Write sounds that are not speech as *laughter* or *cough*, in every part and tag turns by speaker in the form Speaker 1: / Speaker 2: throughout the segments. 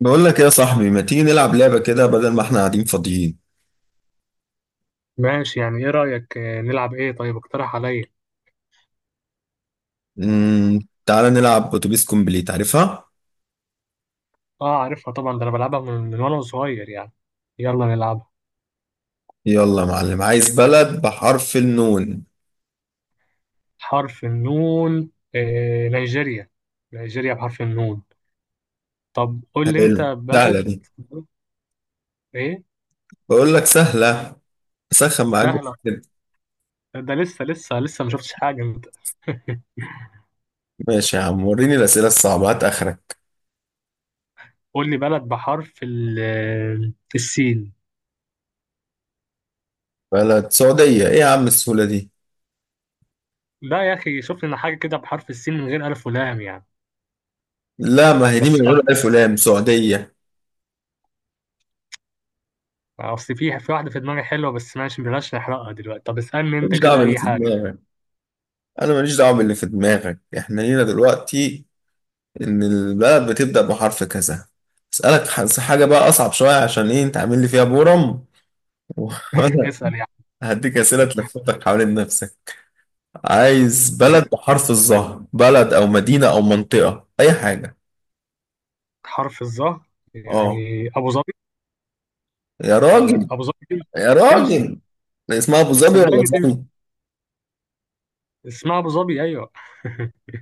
Speaker 1: بقول لك إيه يا صاحبي؟ ما تيجي نلعب لعبة كده بدل ما احنا قاعدين فاضيين؟
Speaker 2: ماشي، يعني ايه رأيك؟ نلعب ايه؟ طيب اقترح عليا.
Speaker 1: امم تعالى نلعب اتوبيس كومبليت، عارفها؟
Speaker 2: اه عارفها طبعا، ده انا بلعبها من وانا صغير يعني. يلا نلعبها.
Speaker 1: يلا يا معلم، عايز بلد بحرف النون.
Speaker 2: حرف النون؟ آه، نيجيريا. نيجيريا بحرف النون. طب قول لي
Speaker 1: حلو،
Speaker 2: انت
Speaker 1: سهلة
Speaker 2: بلد.
Speaker 1: دي.
Speaker 2: ايه؟
Speaker 1: بقول لك سهلة. اسخن معاك
Speaker 2: سهلة.
Speaker 1: كده.
Speaker 2: ده لسه لسه ما شفتش حاجة انت.
Speaker 1: ماشي يا عم، وريني الأسئلة الصعبة، هات آخرك.
Speaker 2: قول لي بلد بحرف السين.
Speaker 1: بلد سعودية، ايه يا عم السهولة دي؟
Speaker 2: لا يا اخي، شوف لنا حاجة كده بحرف السين من غير ألف ولام يعني،
Speaker 1: لا، ما هي دي
Speaker 2: بس
Speaker 1: من غير
Speaker 2: فقط.
Speaker 1: ألف ولام، سعودية.
Speaker 2: اصل في واحدة في دماغي حلوة، بس ماشي بلاش نحرقها دلوقتي. طب اسألني انت
Speaker 1: ماليش دعوة
Speaker 2: كده
Speaker 1: باللي
Speaker 2: اي
Speaker 1: في
Speaker 2: حاجة.
Speaker 1: دماغك. أنا ماليش دعوة باللي في دماغك، احنا لينا دلوقتي ان البلد بتبدأ بحرف كذا. اسألك حاجة بقى اصعب شوية، عشان ايه انت عامل لي فيها بورم؟ *laughs* وانا
Speaker 2: اسأل يعني.
Speaker 1: هديك اسئلة تلفتك حوالين نفسك. عايز بلد بحرف الظهر، بلد او مدينة او منطقة اي حاجة.
Speaker 2: حرف الظهر؟
Speaker 1: اه.
Speaker 2: يعني ابو ظبي.
Speaker 1: يا
Speaker 2: ولا
Speaker 1: راجل.
Speaker 2: ابو ظبي تمشي؟
Speaker 1: يا
Speaker 2: تمشي.
Speaker 1: راجل، اسمها ابو ظبي ولا
Speaker 2: صدقني تمشي.
Speaker 1: ظبي؟
Speaker 2: اسمها ابو ظبي ايوه. *laughs*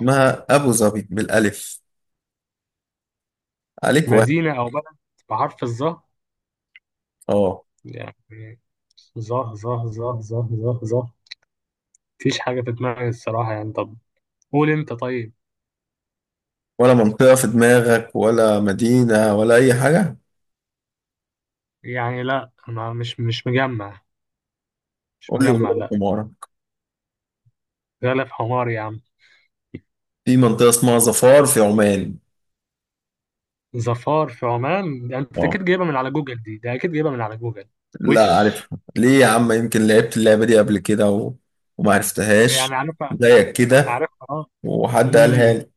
Speaker 1: اسمها ابو ظبي بالالف، عليك واحد.
Speaker 2: مدينه او بلد بحرف الظهر،
Speaker 1: اه.
Speaker 2: يعني. ظه ظه ظه ظه ظه ظه. مفيش حاجه في دماغي الصراحه يعني. طب قول انت طيب.
Speaker 1: ولا منطقة في دماغك ولا مدينة ولا اي حاجة؟
Speaker 2: يعني لا، انا مش مجمع. مش
Speaker 1: قول لي
Speaker 2: مجمع
Speaker 1: غلط في.
Speaker 2: لا. غلا في حمار يا عم.
Speaker 1: في منطقة اسمها ظفار في عمان.
Speaker 2: ظفار في عمان؟ ده انت اكيد جايبها من على جوجل دي، ده اكيد جايبها من على جوجل.
Speaker 1: لا
Speaker 2: وش
Speaker 1: عارفها، ليه يا عم؟ يمكن لعبت اللعبة دي قبل كده و... وما
Speaker 2: يعني
Speaker 1: عرفتهاش
Speaker 2: عارفها؟
Speaker 1: زيك كده،
Speaker 2: عارفها اه.
Speaker 1: وحد قالها لي.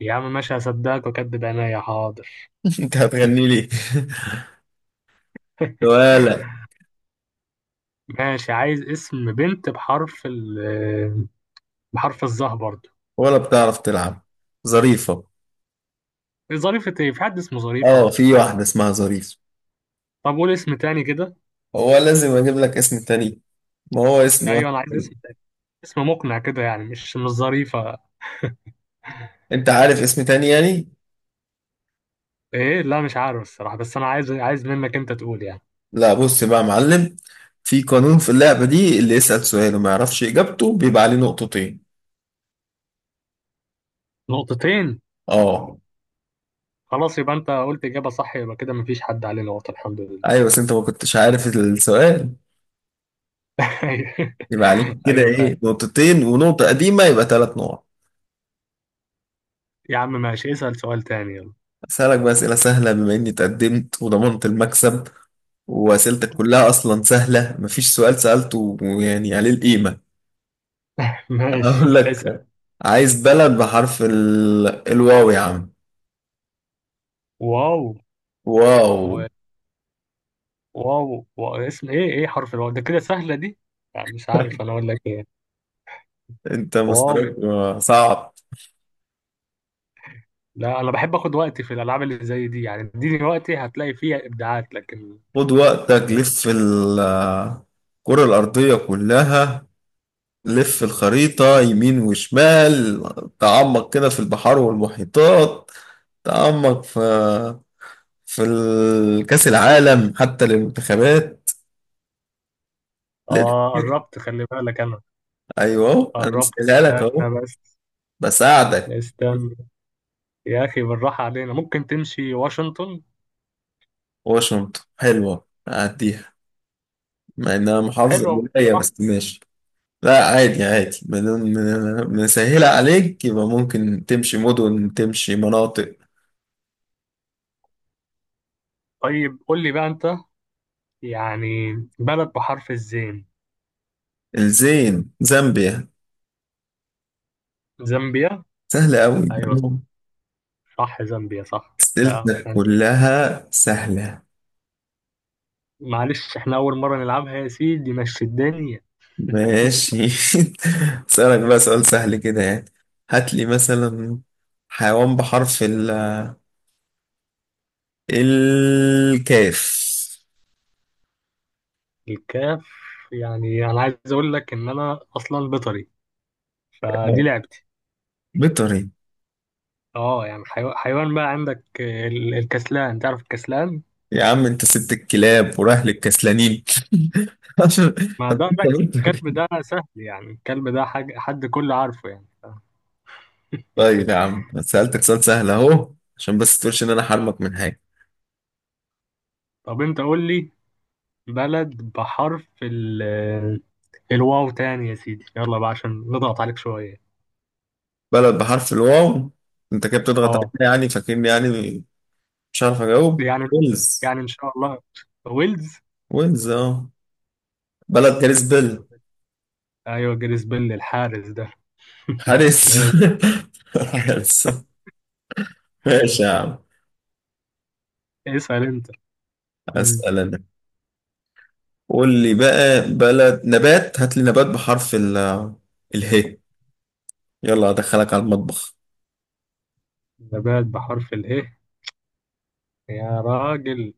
Speaker 2: يا عم ماشي، هصدقك واكدب عينيا، حاضر.
Speaker 1: *laughs* انت هتغني لي *laughs* ولا
Speaker 2: ماشي، عايز اسم بنت بحرف ال، بحرف الظهر برضه؟
Speaker 1: ولا بتعرف تلعب؟ ظريفة.
Speaker 2: ظريفة؟ ايه، في حد اسمه ظريفة؟
Speaker 1: اه، في واحدة اسمها ظريف.
Speaker 2: طب قول اسم تاني كده.
Speaker 1: هو لازم اجيب لك اسم تاني؟ ما هو اسم واحد
Speaker 2: ايوه انا عايز
Speaker 1: تاني.
Speaker 2: اسم تاني، اسم مقنع كده يعني، مش ظريفة.
Speaker 1: انت عارف اسم تاني يعني؟
Speaker 2: ايه لا مش عارف الصراحة، بس انا عايز، عايز منك انت تقول يعني.
Speaker 1: لا، بص بقى يا معلم، في قانون في اللعبة دي، اللي يسأل سؤال وما يعرفش اجابته بيبقى عليه نقطتين.
Speaker 2: نقطتين؟
Speaker 1: اه.
Speaker 2: خلاص، يبقى انت قلت اجابة صح، يبقى كده مفيش حد عليه نقطة الحمد لله.
Speaker 1: ايوه، بس انت ما كنتش عارف السؤال،
Speaker 2: *laughs* ايوه.
Speaker 1: يبقى عليك كده
Speaker 2: ايوه فعلا.
Speaker 1: ايه، نقطتين ونقطة قديمة يبقى ثلاث نقط.
Speaker 2: يا عم ماشي، اسأل سؤال تاني يلا.
Speaker 1: أسألك بقى أسئلة سهلة بما إني تقدمت وضمنت المكسب، وأسئلتك كلها أصلا سهلة، مفيش سؤال سألته يعني عليه القيمة.
Speaker 2: *laughs* ماشي
Speaker 1: أقول
Speaker 2: اسأل.
Speaker 1: لك، عايز بلد بحرف ال... الواو يا عم.
Speaker 2: واو.
Speaker 1: واو.
Speaker 2: واو واو، اسم ايه؟ ايه حرف الواو ده كده؟ سهلة دي. لا مش عارف انا اقول لك ايه.
Speaker 1: *laughs* أنت
Speaker 2: واو.
Speaker 1: مستواك صعب.
Speaker 2: لا انا بحب اخد وقتي في الالعاب اللي زي دي يعني، اديني وقتي هتلاقي فيها ابداعات لكن.
Speaker 1: خد وقتك، لف الكرة الأرضية كلها، لف الخريطة يمين وشمال، تعمق كده في البحار والمحيطات، تعمق في في كأس العالم حتى للمنتخبات. ليه
Speaker 2: اه
Speaker 1: كده؟
Speaker 2: قربت، خلي بالك انا.
Speaker 1: ايوه أهو، انا
Speaker 2: قربت.
Speaker 1: بسألها لك
Speaker 2: استنى
Speaker 1: اهو،
Speaker 2: بس.
Speaker 1: بساعدك.
Speaker 2: استنى. يا اخي بالراحة علينا، ممكن تمشي واشنطن؟
Speaker 1: واشنطن حلوه، اعديها، مع انها محافظه
Speaker 2: حلوة.
Speaker 1: قليله،
Speaker 2: صح.
Speaker 1: بس ماشي. لا عادي عادي، بدون مسهله عليك، يبقى ممكن تمشي مدن، تمشي مناطق.
Speaker 2: طيب قول لي بقى انت، يعني، بلد بحرف الزين.
Speaker 1: الزين، زامبيا.
Speaker 2: زامبيا.
Speaker 1: سهله قوي.
Speaker 2: ايوه. صح، زامبيا صح لا؟
Speaker 1: أسئلتنا كلها سهله.
Speaker 2: معلش احنا اول مرة نلعبها يا سيدي، مشي الدنيا.
Speaker 1: ماشي. *laughs* اسألك بقى سؤال سهل كده يعني، هات لي مثلا حيوان بحرف ال الكاف.
Speaker 2: الكاف. يعني انا عايز اقول لك ان انا اصلا بيطري، فدي لعبتي.
Speaker 1: بيطري؟
Speaker 2: اه يعني حيوان بقى، عندك الكسلان، تعرف الكسلان؟
Speaker 1: يا عم انت سبت الكلاب ورايح للكسلانين *laughs* عشان.
Speaker 2: ما
Speaker 1: طب
Speaker 2: ده
Speaker 1: انت
Speaker 2: لك،
Speaker 1: بيطري،
Speaker 2: الكلب ده سهل يعني، الكلب ده حاجة حد كله عارفه يعني
Speaker 1: طيب يا عم، سألتك سؤال سهل اهو عشان بس تقولش ان انا حرمك من حاجة.
Speaker 2: طب انت قول لي بلد بحرف ال، الواو تاني يا سيدي، يلا بقى عشان نضغط عليك شوية.
Speaker 1: بلد بحرف الواو. انت كده بتضغط عليا
Speaker 2: اه
Speaker 1: يعني، فاكرني يعني مش عارف اجاوب؟
Speaker 2: يعني،
Speaker 1: ويلز.
Speaker 2: يعني ان شاء الله، ويلز.
Speaker 1: ويلز اه، بلد جاريس بيل.
Speaker 2: ايوه جاريث بيل الحارس ده. *laughs*
Speaker 1: حارس
Speaker 2: ماشي.
Speaker 1: *laughs* حارس. ماشي يا عم،
Speaker 2: اسأل انت. م.
Speaker 1: اسال انا. قول لي بقى بلد، نبات، هات لي نبات بحرف ال اله. يلا ادخلك على المطبخ،
Speaker 2: نبات بحرف اله؟ يا راجل،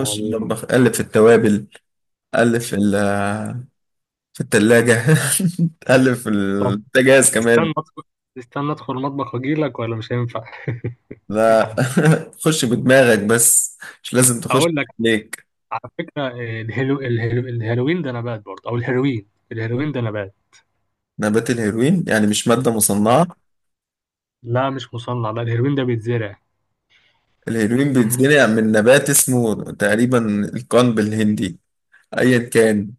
Speaker 1: خش المطبخ، قلب في التوابل، قلب في ال في التلاجة، *laughs* قلب في
Speaker 2: طب
Speaker 1: البوتاجاز
Speaker 2: استنى
Speaker 1: كمان.
Speaker 2: أدخل، استنى أدخل المطبخ وأجيلك ولا مش هينفع؟
Speaker 1: لا، *laughs* خش بدماغك بس، مش لازم
Speaker 2: *laughs*
Speaker 1: تخش.
Speaker 2: أقول لك،
Speaker 1: ليك.
Speaker 2: على فكرة الهلو... الهلو... الهيروين ده نبات برضه، أو الهيروين، الهيروين ده نبات.
Speaker 1: نبات الهيروين يعني، مش مادة
Speaker 2: آه.
Speaker 1: مصنعة؟
Speaker 2: لا مش مصنع لا، الهيروين ده بيتزرع.
Speaker 1: الهيروين بيتزرع من نبات اسمه تقريبا القنب الهندي، ايا كان،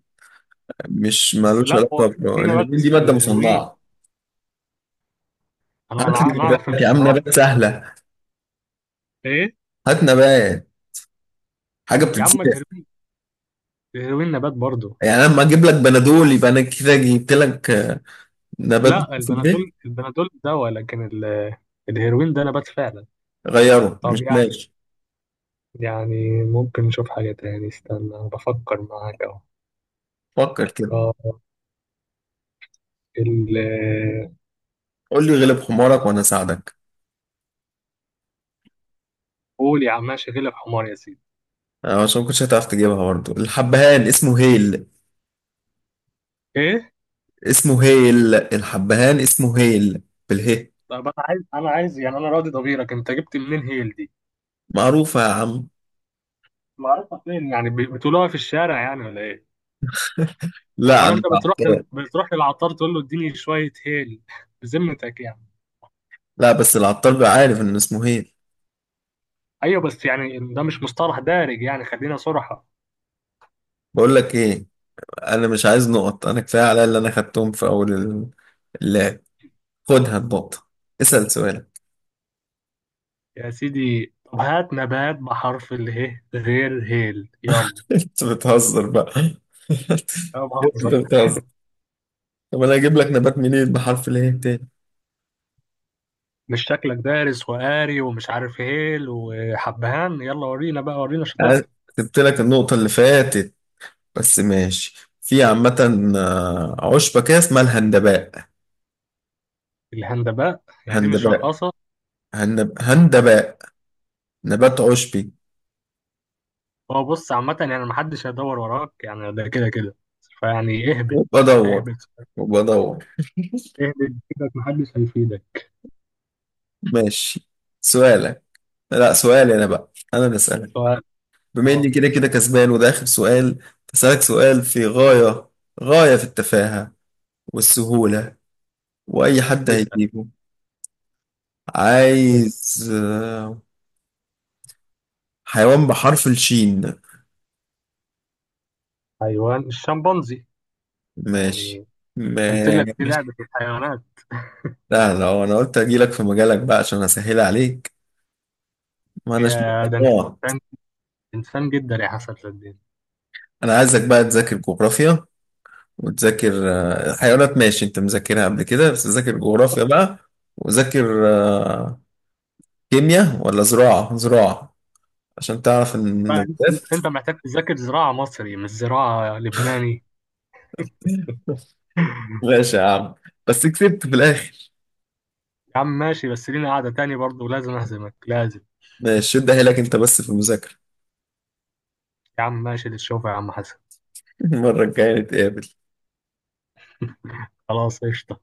Speaker 1: مش
Speaker 2: بس
Speaker 1: مالوش
Speaker 2: لا، هو
Speaker 1: علاقة
Speaker 2: في في نبات
Speaker 1: الهيلين دي
Speaker 2: اسمه
Speaker 1: مادة
Speaker 2: الهيروين،
Speaker 1: مصنعة.
Speaker 2: أنا
Speaker 1: هات لي
Speaker 2: أنا أنا
Speaker 1: نبات
Speaker 2: أعرف إن
Speaker 1: يا عم،
Speaker 2: هو.
Speaker 1: نبات سهلة،
Speaker 2: إيه؟
Speaker 1: هات نبات، حاجة
Speaker 2: يا عم
Speaker 1: بتتزرع.
Speaker 2: الهيروين، الهيروين نبات برضه.
Speaker 1: يعني أنا لما أجيب لك بنادول يبقى أنا كده جبت لك نبات
Speaker 2: لا
Speaker 1: في البيت؟
Speaker 2: البنادول، البنادول دواء، لكن ال... الهيروين ده نبات فعلا.
Speaker 1: غيره
Speaker 2: طب
Speaker 1: مش
Speaker 2: يعني،
Speaker 1: ماشي.
Speaker 2: يعني ممكن نشوف حاجة تاني، استنى أنا بفكر معاك أهو.
Speaker 1: فكر كده،
Speaker 2: آه، ال.
Speaker 1: قول لي غلب حمارك وأنا أساعدك.
Speaker 2: قول يا عم ماشي، غلب حمار يا سيدي.
Speaker 1: عشان ما كنتش هتعرف تجيبها برضه، الحبهان اسمه هيل.
Speaker 2: إيه؟
Speaker 1: اسمه هيل، الحبهان اسمه هيل، بالهي.
Speaker 2: طب أنا عايز، أنا عايز يعني، أنا راضي ضميرك أنت جبت منين هيل دي؟
Speaker 1: معروفة يا عم.
Speaker 2: معرفة فين يعني؟ بتقولوها في الشارع يعني ولا إيه؟
Speaker 1: لا
Speaker 2: ولا
Speaker 1: أنا
Speaker 2: أنت بتروح لل...
Speaker 1: العطار.
Speaker 2: بتروح للعطار تقول له اديني شوية هيل؟ *laughs* بذمتك يعني.
Speaker 1: لا بس العطار بيبقى عارف إن اسمه هيل.
Speaker 2: أيوه بس يعني ده مش مصطلح دارج يعني، خلينا صراحة.
Speaker 1: بقول لك إيه، انا مش عايز نقط، انا كفايه عليا اللي انا خدتهم في اول اللعب. خدها النقطه، اسال سؤالك.
Speaker 2: يا سيدي طب هات نبات بحرف اله غير هيل يلا.
Speaker 1: *laughs* انت بتهزر بقى *laughs*
Speaker 2: أنا
Speaker 1: انت
Speaker 2: بهزر.
Speaker 1: بتهزر. طب انا هجيب لك نبات منين بحرف الايه تاني؟
Speaker 2: مش شكلك دارس وقاري ومش عارف هيل وحبهان، يلا ورينا بقى، ورينا
Speaker 1: أنا
Speaker 2: شطارتك.
Speaker 1: سبت لك النقطه اللي فاتت، بس ماشي. في عامة، عشبة كده اسمها الهندباء.
Speaker 2: الهندباء؟ يعني دي مش
Speaker 1: هندباء،
Speaker 2: رقاصة؟
Speaker 1: هندباء، نبات عشبي.
Speaker 2: هو بص، عامة يعني محدش هيدور وراك، يعني ده كده كده، فيعني اهبط.
Speaker 1: وبدور،
Speaker 2: اهبط.
Speaker 1: وبدور.
Speaker 2: اهبط كده، محدش هيفيدك.
Speaker 1: ماشي، سؤالك. لا، سؤالي انا بقى، انا اللي اسالك،
Speaker 2: سواء.
Speaker 1: بما اني
Speaker 2: اه
Speaker 1: كده كده كسبان وده اخر سؤال. هسألك سؤال في غاية، غاية في التفاهة والسهولة، واي حد
Speaker 2: اسأل.
Speaker 1: هيجيبه.
Speaker 2: اسأل.
Speaker 1: عايز حيوان بحرف الشين.
Speaker 2: حيوان الشمبانزي.
Speaker 1: ماشي.
Speaker 2: يعني قلت لك دي
Speaker 1: ماشي.
Speaker 2: لعبة الحيوانات.
Speaker 1: لا لا، هو انا قلت اجيلك في مجالك بقى عشان اسهل عليك، ما اناش.
Speaker 2: يا ده انت.
Speaker 1: اه.
Speaker 2: انسان، انسان جدا يا حسن صدقني.
Speaker 1: انا عايزك بقى تذاكر جغرافيا، وتذاكر حيوانات، ماشي انت مذاكرها قبل كده، بس ذاكر جغرافيا بقى، وذاكر كيمياء ولا زراعة، زراعة، عشان تعرف انه
Speaker 2: بقى
Speaker 1: بجد.
Speaker 2: انت، انت محتاج تذاكر زراعة مصري مش زراعة لبناني. *laughs*
Speaker 1: ماشي يا عم، بس كسبت في الاخر.
Speaker 2: يا عم ماشي، بس لينا قعدة تاني برضه، لازم أهزمك لازم.
Speaker 1: ماشي، ده لك انت بس في المذاكرة.
Speaker 2: يا عم ماشي، للشوفة يا عم حسن.
Speaker 1: *laughs* المرة الجاية نتقابل.
Speaker 2: خلاص قشطة.